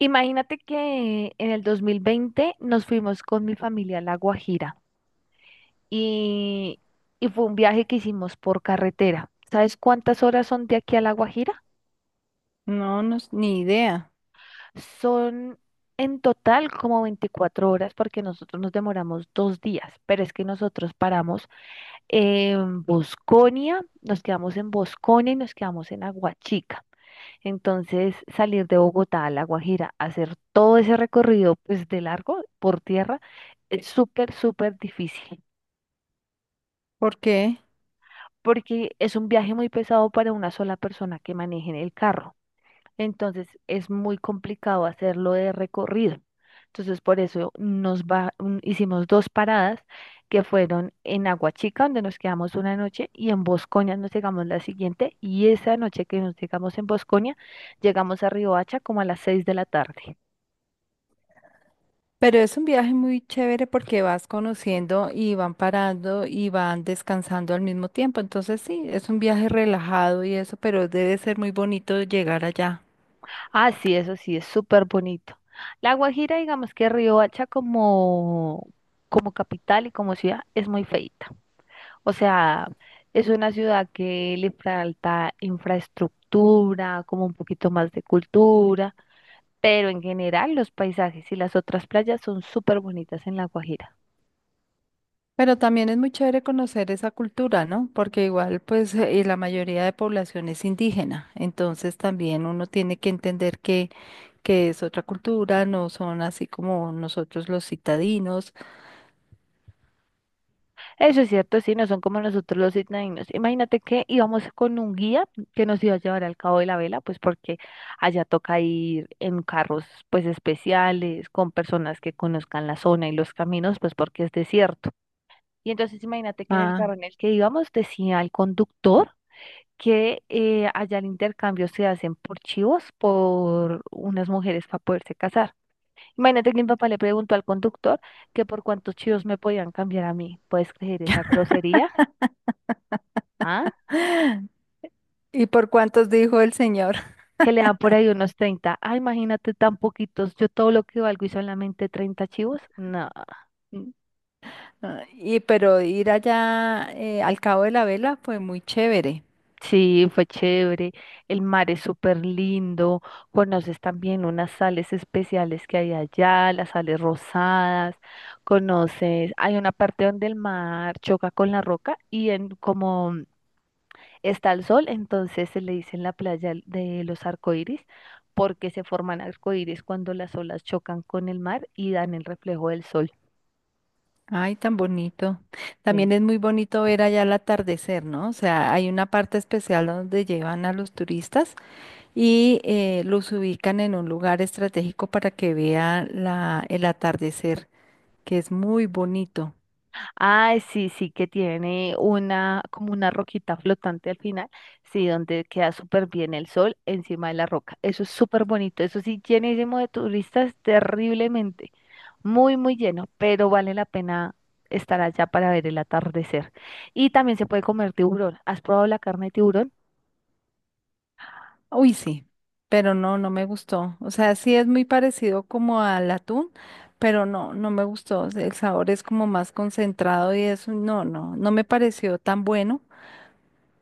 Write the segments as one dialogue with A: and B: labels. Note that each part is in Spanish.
A: Imagínate que en el 2020 nos fuimos con mi familia a La Guajira y, y fue un viaje que hicimos por carretera. ¿Sabes cuántas horas son de aquí a La Guajira?
B: No, no, s- ni idea.
A: Son en total como 24 horas porque nosotros nos demoramos dos días, pero es que nosotros paramos en Bosconia, nos quedamos en Bosconia y nos quedamos en Aguachica. Entonces, salir de Bogotá a La Guajira, hacer todo ese recorrido, pues de largo por tierra, es súper, súper difícil,
B: ¿Por qué?
A: porque es un viaje muy pesado para una sola persona que maneje en el carro. Entonces, es muy complicado hacerlo de recorrido. Entonces, por eso nos va, mm, hicimos dos paradas que fueron en Aguachica, donde nos quedamos una noche, y en Bosconia nos llegamos la siguiente, y esa noche que nos llegamos en Bosconia, llegamos a Riohacha como a las 6 de la tarde.
B: Pero es un viaje muy chévere porque vas conociendo y van parando y van descansando al mismo tiempo. Entonces sí, es un viaje relajado y eso, pero debe ser muy bonito llegar allá.
A: Ah, sí, eso sí, es súper bonito. La Guajira, digamos que Riohacha como, como capital y como ciudad es muy feita. O sea, es una ciudad que le falta infraestructura, como un poquito más de cultura, pero en general los paisajes y las otras playas son súper bonitas en La Guajira.
B: Pero también es muy chévere conocer esa cultura, ¿no? Porque igual pues la mayoría de población es indígena. Entonces también uno tiene que entender que es otra cultura, no son así como nosotros los citadinos.
A: Eso es cierto, sí, no son como nosotros los isnadinos. Imagínate que íbamos con un guía que nos iba a llevar al Cabo de la Vela, pues porque allá toca ir en carros pues especiales, con personas que conozcan la zona y los caminos, pues porque es desierto. Y entonces imagínate que en el
B: Ah,
A: carro en el que íbamos decía el conductor que allá el intercambio se hacen por chivos, por unas mujeres para poderse casar. Imagínate que mi papá le preguntó al conductor que por cuántos chivos me podían cambiar a mí. ¿Puedes creer esa grosería? ¿Ah?
B: ¿Y por cuántos dijo el señor?
A: Que le dan por ahí unos 30. Ah, imagínate tan poquitos. Yo todo lo que valgo y solamente 30 chivos. No,
B: Ah, y pero ir allá al Cabo de la Vela fue muy chévere.
A: sí, fue chévere. El mar es súper lindo. Conoces también unas sales especiales que hay allá, las sales rosadas. Conoces, hay una parte donde el mar choca con la roca y en como está el sol, entonces se le dice en la playa de los arcoíris, porque se forman arcoíris cuando las olas chocan con el mar y dan el reflejo del sol.
B: Ay, tan bonito.
A: Sí.
B: También es muy bonito ver allá el atardecer, ¿no? O sea, hay una parte especial donde llevan a los turistas y los ubican en un lugar estratégico para que vean el atardecer, que es muy bonito.
A: Ah, sí, sí, que tiene una, como una roquita flotante al final, sí, donde queda súper bien el sol encima de la roca. Eso es súper bonito, eso sí, llenísimo de turistas, terriblemente, muy, muy lleno, pero vale la pena estar allá para ver el atardecer. Y también se puede comer tiburón. ¿Has probado la carne de tiburón?
B: Uy, sí, pero no, no me gustó. O sea, sí es muy parecido como al atún, pero no, no me gustó. O sea, el sabor es como más concentrado y eso, no, no, no me pareció tan bueno.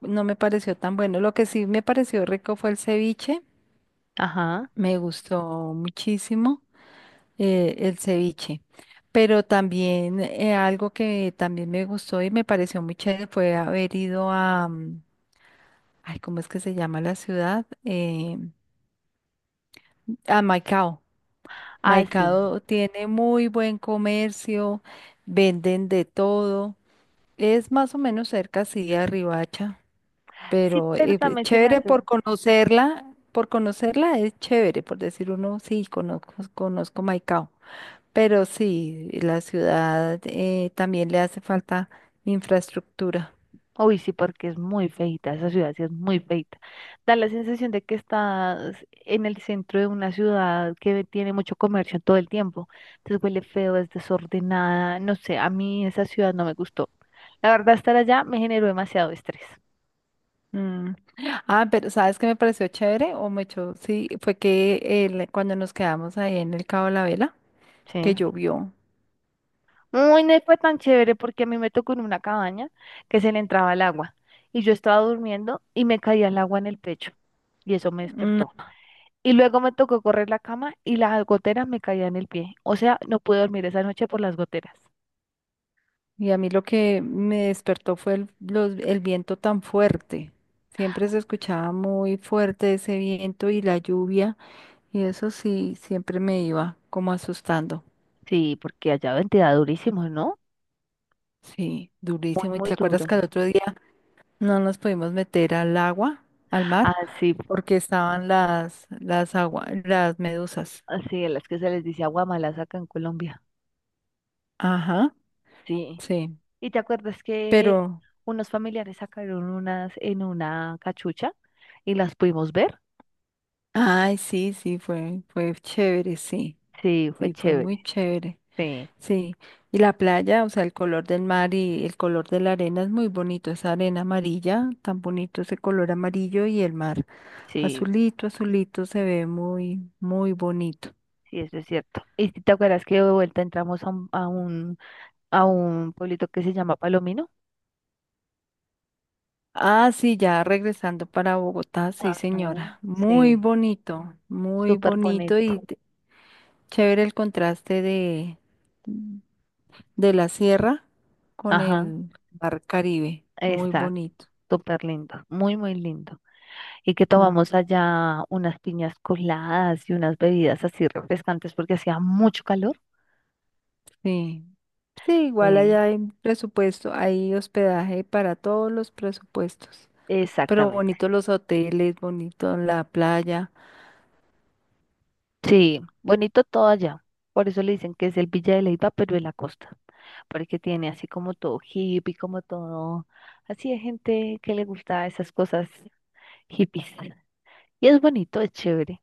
B: No me pareció tan bueno. Lo que sí me pareció rico fue el ceviche.
A: Ajá.
B: Me gustó muchísimo el ceviche. Pero también algo que también me gustó y me pareció muy chévere fue haber ido a, ay, ¿cómo es que se llama la ciudad? A Maicao.
A: Ah, sí.
B: Maicado tiene muy buen comercio, venden de todo. Es más o menos cerca, sí, a Riohacha,
A: Sí,
B: pero
A: pero también se me
B: chévere
A: hace.
B: por conocerla es chévere, por decir uno, sí, conozco Maicao. Pero sí, la ciudad también le hace falta infraestructura.
A: Uy, sí, porque es muy feita, esa ciudad sí es muy feita. Da la sensación de que estás en el centro de una ciudad que tiene mucho comercio todo el tiempo. Entonces huele feo, es desordenada, no sé, a mí esa ciudad no me gustó. La verdad, estar allá me generó demasiado estrés.
B: Mm. Ah, pero ¿sabes qué me pareció chévere? O me echó, sí, fue que cuando nos quedamos ahí en el Cabo de la Vela, que
A: Sí.
B: llovió.
A: Uy, no fue tan chévere porque a mí me tocó en una cabaña que se le entraba el agua y yo estaba durmiendo y me caía el agua en el pecho y eso me despertó. Y luego me tocó correr la cama y las goteras me caían en el pie. O sea, no pude dormir esa noche por las goteras.
B: Y a mí lo que me despertó fue el viento tan fuerte. Siempre se escuchaba muy fuerte ese viento y la lluvia. Y eso sí, siempre me iba como asustando.
A: Sí, porque allá ven, te da durísimo, ¿no?
B: Sí,
A: Muy,
B: durísimo. ¿Y
A: muy
B: te acuerdas
A: duro.
B: que al otro día no nos pudimos meter al agua, al
A: Ah
B: mar,
A: sí,
B: porque estaban las medusas?
A: así, a las que se les dice agua mala acá en Colombia.
B: Ajá,
A: Sí.
B: sí.
A: ¿Y te acuerdas que
B: Pero,
A: unos familiares sacaron unas en una cachucha y las pudimos ver?
B: ay, sí, sí, fue chévere, sí.
A: Sí, fue
B: Sí, fue
A: chévere.
B: muy chévere.
A: Sí,
B: Sí, y la playa, o sea, el color del mar y el color de la arena es muy bonito, esa arena amarilla, tan bonito ese color amarillo y el mar
A: sí,
B: azulito, azulito, se ve muy, muy bonito.
A: sí, eso es cierto. ¿Y te acuerdas que de vuelta entramos a a un pueblito que se llama Palomino?
B: Ah, sí, ya regresando para Bogotá, sí,
A: Ajá,
B: señora,
A: sí,
B: muy
A: súper
B: bonito
A: bonito.
B: chévere el contraste de la sierra con
A: Ajá,
B: el mar Caribe, muy
A: exacto,
B: bonito.
A: súper lindo, muy, muy lindo. Y que
B: Mm.
A: tomamos allá unas piñas coladas y unas bebidas así refrescantes porque hacía mucho calor.
B: Sí. Sí, igual allá
A: Sí,
B: hay presupuesto, hay hospedaje para todos los presupuestos. Pero
A: exactamente.
B: bonitos los hoteles, bonito la playa.
A: Sí, bonito todo allá. Por eso le dicen que es el Villa de Leyva, pero de la costa, porque tiene así como todo hippie, como todo, así de gente que le gusta esas cosas hippies. Y es bonito, es chévere.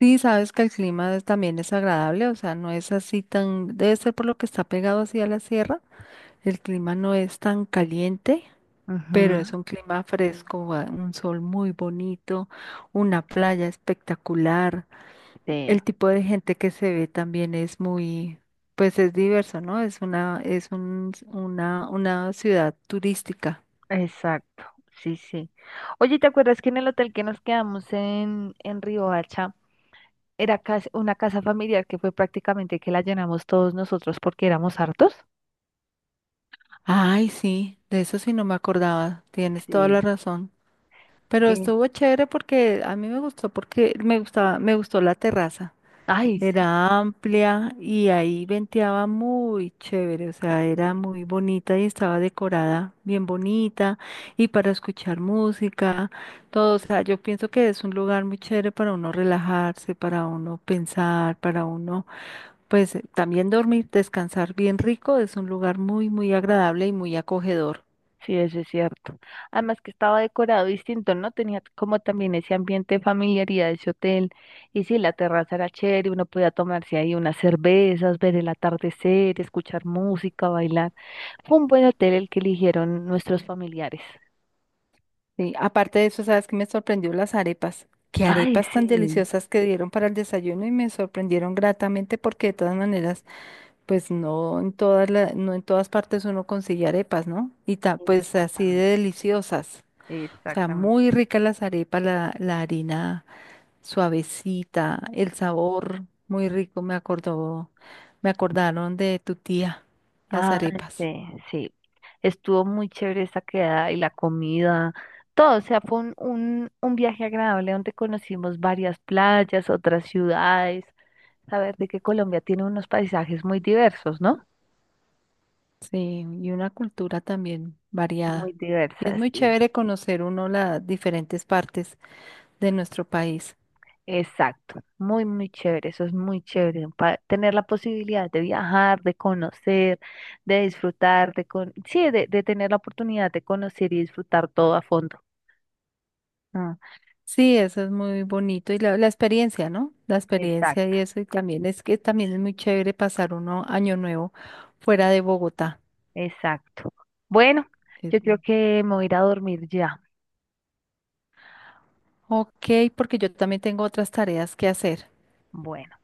B: Sí, sabes que también es agradable, o sea, no es así tan, debe ser por lo que está pegado así a la sierra. El clima no es tan caliente, pero
A: Ujú,
B: es un clima fresco, ah, un sol muy bonito, una playa espectacular.
A: sí.
B: El tipo de gente que se ve también es muy, pues es diverso, ¿no? Es una, es un, una ciudad turística.
A: Exacto, sí, sí. Oye, ¿te acuerdas que en el hotel que nos quedamos en Riohacha era una casa familiar que fue prácticamente que la llenamos todos nosotros porque éramos hartos?
B: Ay, sí, de eso sí no me acordaba. Tienes toda la
A: Sí,
B: razón. Pero
A: que
B: estuvo chévere porque a mí me gustó porque me gustó la terraza.
A: Ay, sí,
B: Era amplia y ahí venteaba muy chévere, o sea, era
A: sí,
B: muy bonita y estaba decorada bien bonita y para escuchar música, todo, o sea, yo pienso que es un lugar muy chévere para uno relajarse, para uno pensar, para uno, pues también dormir, descansar bien rico, es un lugar muy, muy agradable y muy acogedor.
A: sí, eso es cierto. Además que estaba decorado distinto, ¿no? Tenía como también ese ambiente de familiaridad de ese hotel. Y sí, la terraza era chévere, uno podía tomarse ahí unas cervezas, ver el atardecer, escuchar música, bailar. Fue un buen hotel el que eligieron nuestros familiares.
B: Sí, aparte de eso, ¿sabes qué me sorprendió las arepas? Qué
A: Ay,
B: arepas tan
A: sí,
B: deliciosas que dieron para el desayuno y me sorprendieron gratamente porque de todas maneras... Pues no en no en todas partes uno consigue arepas, ¿no? Y pues así de
A: exactamente,
B: deliciosas. O sea,
A: exactamente.
B: muy ricas las arepas, la harina suavecita, el sabor muy rico, me acordó, me acordaron de tu tía, las
A: Ay,
B: arepas.
A: sí, sí. Estuvo muy chévere esa quedada y la comida, todo. O sea, fue un viaje agradable donde conocimos varias playas, otras ciudades. Saber de que Colombia tiene unos paisajes muy diversos, ¿no?
B: Sí, y una cultura también
A: Muy
B: variada. Y es
A: diversas,
B: muy
A: sí.
B: chévere conocer uno las diferentes partes de nuestro país.
A: Exacto, muy, muy chévere, eso es muy chévere, tener la posibilidad de viajar, de conocer, de disfrutar, de con sí, de tener la oportunidad de conocer y disfrutar todo a fondo.
B: Ah, sí, eso es muy bonito. Y la experiencia, ¿no? La experiencia
A: Exacto,
B: y eso. Y también es que también es muy chévere pasar uno año nuevo fuera de Bogotá.
A: exacto. Bueno,
B: Eh,
A: yo creo que me voy a ir a dormir ya.
B: Ok, porque yo también tengo otras tareas que hacer.
A: Bueno.